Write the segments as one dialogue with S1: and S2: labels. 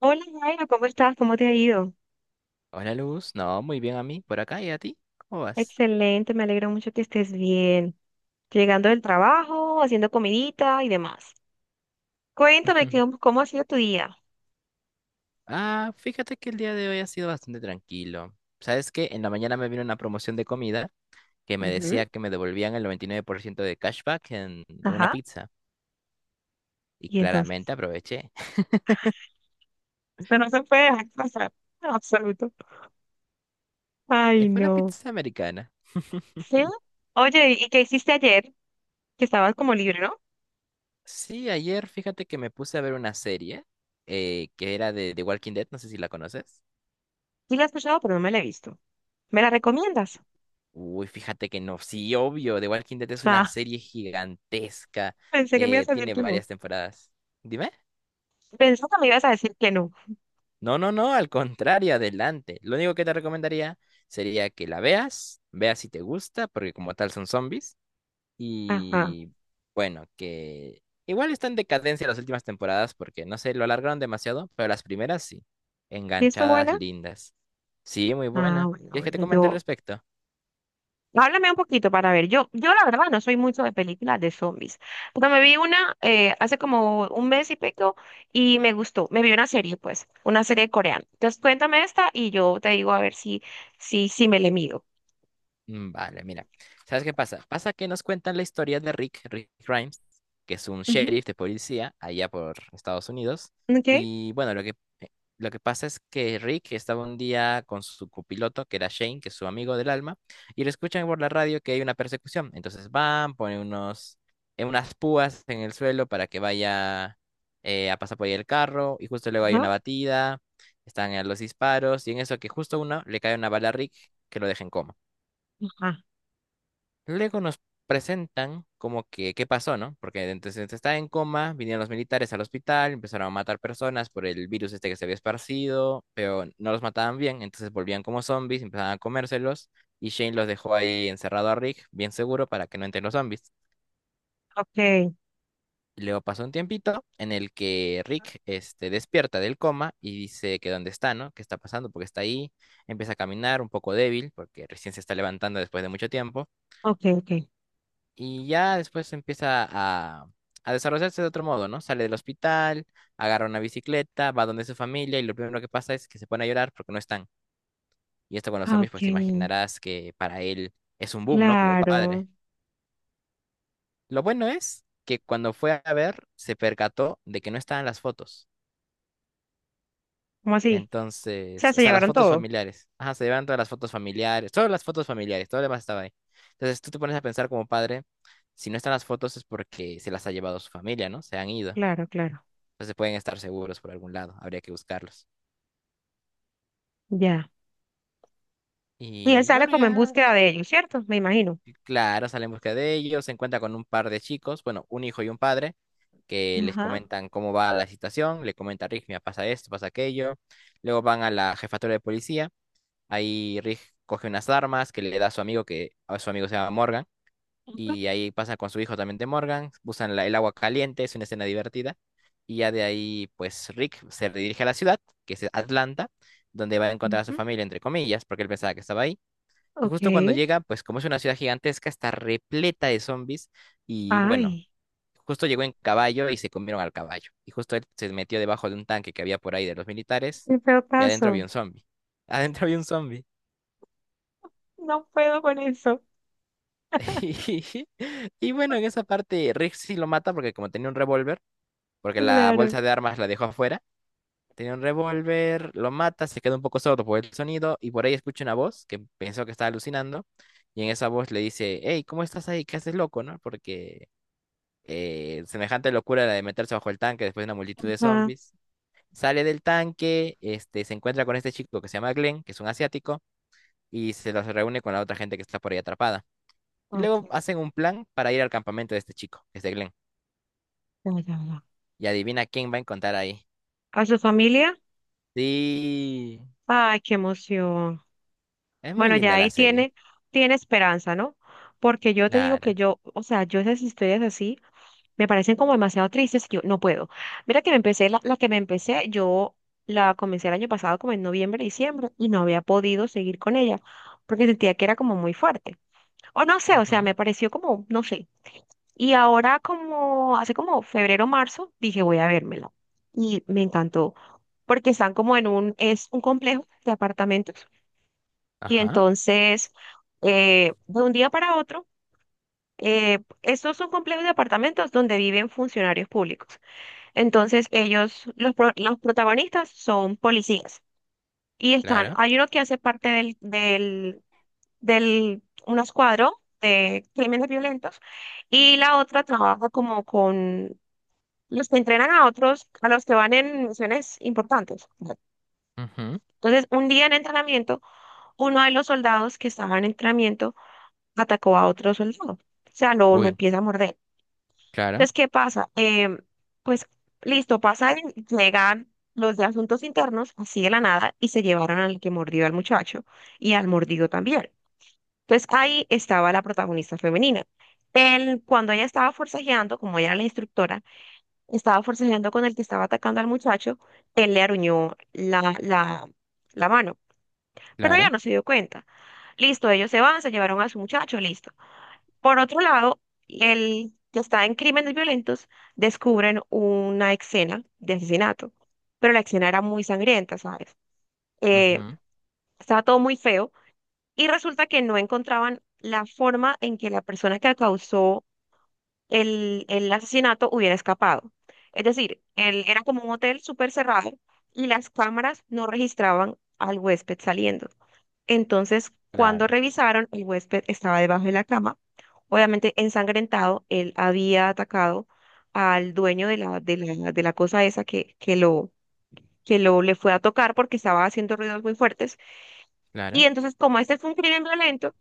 S1: Hola Jairo, ¿cómo estás? ¿Cómo te ha ido?
S2: Hola Luz, no, muy bien a mí, por acá. ¿Y a ti, cómo vas?
S1: Excelente, me alegro mucho que estés bien. Llegando del trabajo, haciendo comidita y demás. Cuéntame
S2: Ujú.
S1: cómo ha sido tu día.
S2: Ah, fíjate que el día de hoy ha sido bastante tranquilo. ¿Sabes qué? En la mañana me vino una promoción de comida que me
S1: Ujú.
S2: decía que me devolvían el 99% de cashback en una
S1: Ajá.
S2: pizza. Y
S1: Y entonces.
S2: claramente aproveché.
S1: Esto no se puede dejar pasar. En absoluto. Ay,
S2: Fue una
S1: no.
S2: pizza americana.
S1: ¿Sí? Oye, ¿y qué hiciste ayer? Que estabas como libre, ¿no?
S2: Sí, ayer fíjate que me puse a ver una serie que era de The Walking Dead, no sé si la conoces.
S1: Sí la he escuchado, pero no me la he visto. ¿Me la recomiendas?
S2: Uy, fíjate que no, sí, obvio, The Walking Dead es una
S1: Ah,
S2: serie gigantesca,
S1: pensé que me ibas a decir
S2: tiene
S1: que no.
S2: varias temporadas. Dime.
S1: Pensé que me ibas a decir que no.
S2: No, no, no, al contrario, adelante. Lo único que te recomendaría sería que la veas, veas si te gusta, porque como tal son zombies.
S1: Ajá.
S2: Y bueno, que igual está en decadencia las últimas temporadas, porque no sé, lo alargaron demasiado, pero las primeras sí.
S1: ¿Y esto
S2: Enganchadas,
S1: buena?
S2: lindas. Sí, muy
S1: Ah,
S2: buena.
S1: bueno,
S2: ¿Quieres que te
S1: bueno,
S2: comente al
S1: yo.
S2: respecto?
S1: Háblame un poquito para ver. Yo la verdad no soy mucho de películas de zombies, pero me vi una hace como un mes y pico y me gustó. Me vi una serie, pues, una serie coreana. Entonces cuéntame esta y yo te digo a ver si me le mido.
S2: Vale, mira. ¿Sabes qué pasa? Pasa que nos cuentan la historia de Rick, Rick Grimes, que es un
S1: Ujú.
S2: sheriff de policía allá por Estados Unidos.
S1: Okay.
S2: Y bueno, eh, lo que pasa es que Rick estaba un día con su copiloto, que era Shane, que es su amigo del alma, y le escuchan por la radio que hay una persecución. Entonces van, ponen unas púas en el suelo para que vaya a pasar por ahí el carro, y justo luego hay una
S1: Ajá.
S2: batida, están los disparos, y en eso que justo uno le cae una bala a Rick que lo deja en coma.
S1: Ajá.
S2: Luego nos presentan como que qué pasó, ¿no? Porque entonces está en coma, vinieron los militares al hospital, empezaron a matar personas por el virus este que se había esparcido, pero no los mataban bien, entonces volvían como zombies, empezaban a comérselos y Shane los dejó ahí encerrado a Rick, bien seguro, para que no entren los zombies.
S1: Okay.
S2: Y luego pasó un tiempito en el que Rick este, despierta del coma y dice que dónde está, ¿no? ¿Qué está pasando? Porque está ahí, empieza a caminar un poco débil, porque recién se está levantando después de mucho tiempo.
S1: Okay, okay.
S2: Y ya después empieza a desarrollarse de otro modo, ¿no? Sale del hospital, agarra una bicicleta, va donde su familia y lo primero que pasa es que se pone a llorar porque no están. Y esto con los
S1: Ah,
S2: zombies, pues te
S1: okay.
S2: imaginarás que para él es un boom, ¿no? Como
S1: Claro.
S2: padre. Lo bueno es que cuando fue a ver, se percató de que no estaban las fotos.
S1: ¿Cómo así? O sea,
S2: Entonces, o
S1: se
S2: sea, las
S1: llevaron
S2: fotos
S1: todo.
S2: familiares. Ajá, se llevan todas las fotos familiares, solo las fotos familiares, todo lo demás estaba ahí. Entonces tú te pones a pensar como padre, si no están las fotos es porque se las ha llevado su familia, ¿no? Se han ido.
S1: Claro, claro.
S2: Entonces pueden estar seguros por algún lado, habría que buscarlos.
S1: Ya. Y él
S2: Y
S1: sale
S2: bueno,
S1: como en
S2: ya,
S1: búsqueda de ellos, ¿cierto? Me imagino.
S2: y claro, sale en busca de ellos, se encuentra con un par de chicos, bueno, un hijo y un padre, que les
S1: Ajá.
S2: comentan cómo va la situación, le comenta a Rick, mira, pasa esto, pasa aquello. Luego van a la jefatura de policía, ahí Rick coge unas armas que le da a su amigo, que a su amigo se llama Morgan, y ahí pasa con su hijo también de Morgan, usan el agua caliente, es una escena divertida, y ya de ahí pues Rick se dirige a la ciudad, que es Atlanta, donde va a encontrar a su
S1: Ujú.
S2: familia, entre comillas, porque él pensaba que estaba ahí, y justo cuando
S1: Okay.
S2: llega, pues como es una ciudad gigantesca, está repleta de zombies, y bueno,
S1: Ay.
S2: justo llegó en caballo y se comieron al caballo, y justo él se metió debajo de un tanque que había por ahí de los militares,
S1: Qué peor
S2: y adentro había
S1: caso.
S2: un zombie, adentro había un zombie.
S1: No puedo con eso.
S2: Y bueno, en esa parte Rick sí lo mata porque como tenía un revólver, porque la
S1: Claro.
S2: bolsa de armas la dejó afuera. Tenía un revólver, lo mata, se queda un poco sordo por el sonido y por ahí escucha una voz que pensó que estaba alucinando. Y en esa voz le dice, hey, ¿cómo estás ahí? ¿Qué haces loco, no? Porque semejante locura la de meterse bajo el tanque después de una multitud de
S1: Ah,
S2: zombies. Sale del tanque, este, se encuentra con este chico que se llama Glenn, que es un asiático, y se los reúne con la otra gente que está por ahí atrapada. Y luego
S1: ok.
S2: hacen un plan para ir al campamento de este chico, que es de Glenn.
S1: Ya, ya, ya.
S2: Y adivina quién va a encontrar ahí.
S1: ¿A su familia?
S2: Sí.
S1: Ay, qué emoción.
S2: Es muy
S1: Bueno, ya
S2: linda
S1: ahí
S2: la serie.
S1: tiene, tiene esperanza, ¿no? Porque yo te digo que
S2: Clara.
S1: yo, o sea, yo esas historias así me parecen como demasiado tristes que yo no puedo. Mira que me empecé, la que me empecé, yo la comencé el año pasado como en noviembre, diciembre, y no había podido seguir con ella porque sentía que era como muy fuerte. O no sé, o sea,
S2: Ujú.
S1: me pareció como, no sé. Y ahora como hace como febrero, marzo, dije voy a vérmelo. Y me encantó, porque están como en un, es un complejo de apartamentos. Y
S2: Ajá.
S1: entonces, de un día para otro, estos son complejos de apartamentos donde viven funcionarios públicos. Entonces, ellos, los, los protagonistas son policías. Y están,
S2: Clara.
S1: hay uno que hace parte del un escuadro de crímenes violentos. Y la otra trabaja como con los que entrenan a otros, a los que van en misiones importantes.
S2: Ujú.
S1: Entonces, un día en entrenamiento, uno de los soldados que estaba en entrenamiento atacó a otro soldado. O sea, lo
S2: Uy.
S1: empieza a morder.
S2: Clara.
S1: Entonces, ¿qué pasa? Pues, listo, pasa, llegan los de asuntos internos, así de la nada, y se llevaron al que mordió al muchacho y al mordido también. Entonces, ahí estaba la protagonista femenina. Él, cuando ella estaba forcejeando, como ella era la instructora, estaba forcejeando con el que estaba atacando al muchacho, él le aruñó la mano, pero ella
S2: Clara.
S1: no se dio cuenta. Listo, ellos se van, se llevaron a su muchacho, listo. Por otro lado, el que está en crímenes violentos descubren una escena de asesinato, pero la escena era muy sangrienta, ¿sabes? Eh,
S2: Ujú.
S1: estaba todo muy feo y resulta que no encontraban la forma en que la persona que causó el asesinato hubiera escapado. Es decir, él era como un hotel súper cerrado y las cámaras no registraban al huésped saliendo. Entonces, cuando
S2: Claro.
S1: revisaron, el huésped estaba debajo de la cama. Obviamente, ensangrentado, él había atacado al dueño de la cosa esa que lo le fue a tocar porque estaba haciendo ruidos muy fuertes. Y
S2: Clara.
S1: entonces, como este fue un crimen violento,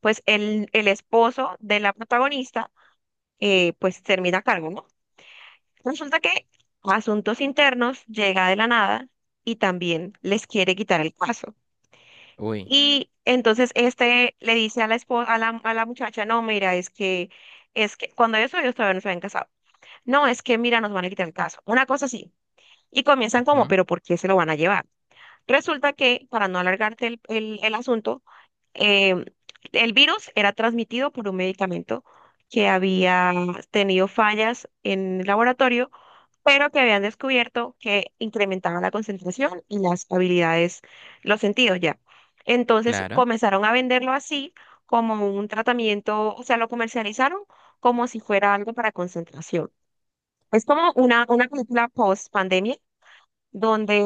S1: pues el esposo de la protagonista, pues termina a cargo, ¿no? Resulta que Asuntos Internos llega de la nada y también les quiere quitar el caso.
S2: Uy.
S1: Y entonces este le dice a la esposa, a la muchacha, no, mira, es que cuando ellos todavía no se habían casado. No, es que mira, nos van a quitar el caso. Una cosa así. Y comienzan como,
S2: Ujú.
S1: pero ¿por qué se lo van a llevar? Resulta que, para no alargarte el asunto, eh, el virus era transmitido por un medicamento que había tenido fallas en el laboratorio, pero que habían descubierto que incrementaba la concentración y las habilidades, los sentidos ya. Entonces
S2: Claro.
S1: comenzaron a venderlo así como un tratamiento, o sea, lo comercializaron como si fuera algo para concentración. Es como una película post pandemia donde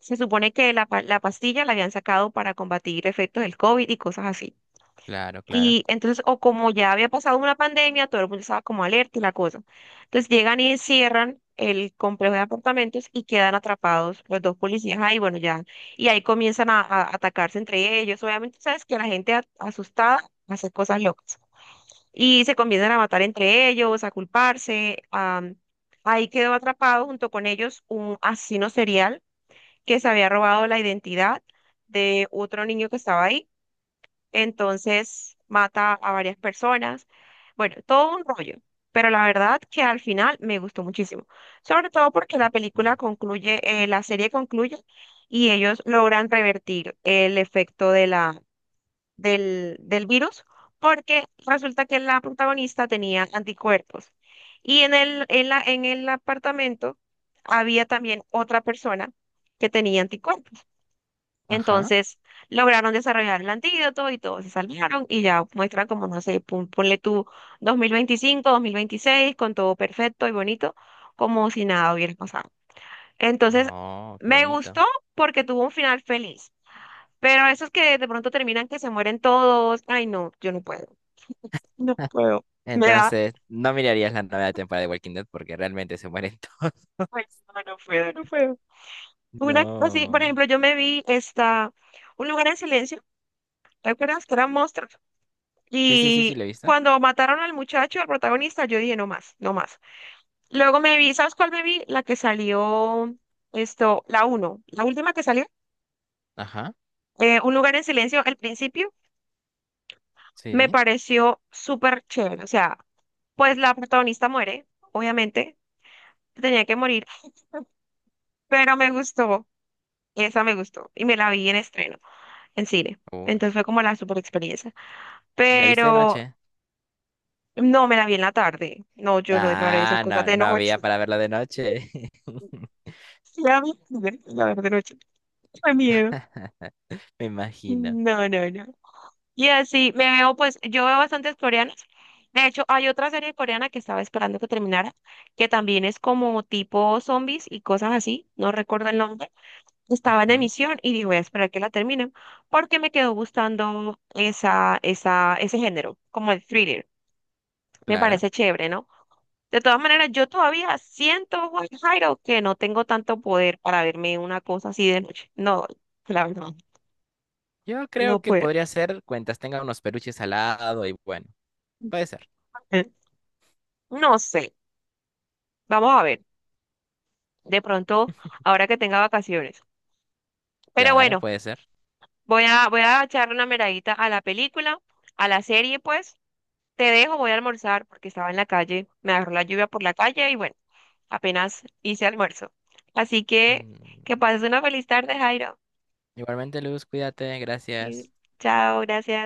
S1: se supone que la pastilla la habían sacado para combatir efectos del COVID y cosas así.
S2: Claro, claro.
S1: Y entonces, o como ya había pasado una pandemia, todo el mundo estaba como alerta y la cosa. Entonces llegan y encierran el complejo de apartamentos y quedan atrapados los dos policías ahí, bueno, ya. Y ahí comienzan a atacarse entre ellos. Obviamente, sabes que la gente asustada hace cosas locas. Y se comienzan a matar entre ellos, a culparse. Ahí quedó atrapado junto con ellos un asesino serial que se había robado la identidad de otro niño que estaba ahí, entonces mata a varias personas. Bueno, todo un rollo, pero la verdad que al final me gustó muchísimo, sobre todo porque la
S2: Ujú.
S1: película concluye, la serie concluye y ellos logran revertir el efecto del virus porque resulta que la protagonista tenía anticuerpos y en en el apartamento había también otra persona que tenía anticuerpos.
S2: Ajá.
S1: Entonces lograron desarrollar el antídoto y todos se salvaron y ya muestran como, no sé, ponle tú 2025, 2026, con todo perfecto y bonito, como si nada hubiera pasado. Entonces,
S2: No, qué
S1: me gustó
S2: bonito.
S1: porque tuvo un final feliz, pero esos que de pronto terminan que se mueren todos, ay no, yo no puedo, no puedo, me da,
S2: Entonces, no mirarías la nueva temporada de Walking Dead porque realmente se mueren todos.
S1: ay, no, no puedo, no puedo. Una, así, por
S2: No.
S1: ejemplo, yo me vi esta, Un Lugar en Silencio, ¿te acuerdas que eran monstruos?
S2: Sí, sí, sí, sí,
S1: Y
S2: ¿la viste?
S1: cuando mataron al muchacho, al protagonista, yo dije, no más, no más. Luego me vi, ¿sabes cuál me vi? La que salió, esto, la uno, la última que salió,
S2: Ajá.
S1: Un Lugar en Silencio, al principio, me
S2: Sí.
S1: pareció súper chévere. O sea, pues la protagonista muere, obviamente, tenía que morir, pero me gustó, esa me gustó, y me la vi en estreno, en cine.
S2: Uy.
S1: Entonces fue como la super experiencia.
S2: ¿La viste de
S1: Pero
S2: noche?
S1: no me la vi en la tarde. No, yo no iba a ver esas
S2: Ah,
S1: cosas
S2: no,
S1: de
S2: no
S1: noche.
S2: había para verla de noche.
S1: La la verdad, no, chico, qué miedo.
S2: Me imagino.
S1: No, no, no. Y así me veo, pues, yo veo bastantes coreanas. De hecho, hay otra serie coreana que estaba esperando que terminara, que también es como tipo zombies y cosas así, no recuerdo el nombre. Estaba en
S2: Ujú.
S1: emisión y dije, voy a esperar que la terminen, porque me quedó gustando ese género, como el thriller. Me
S2: Clara.
S1: parece chévere, ¿no? De todas maneras, yo todavía siento, Juan Jairo, que no tengo tanto poder para verme una cosa así de noche. No, la verdad.
S2: Yo creo
S1: No
S2: que
S1: puedo.
S2: podría ser cuentas tenga unos peluches al lado y bueno, puede ser.
S1: Mm, no sé. Vamos a ver. De pronto, ahora que tenga vacaciones. Pero
S2: Clara,
S1: bueno,
S2: puede ser.
S1: voy a echarle una miradita a la película, a la serie, pues. Te dejo, voy a almorzar porque estaba en la calle. Me agarró la lluvia por la calle y bueno, apenas hice almuerzo. Así que
S2: Mm,
S1: pases una feliz tarde, Jairo.
S2: Igualmente, Luz, cuídate,
S1: Y
S2: gracias.
S1: chao, gracias.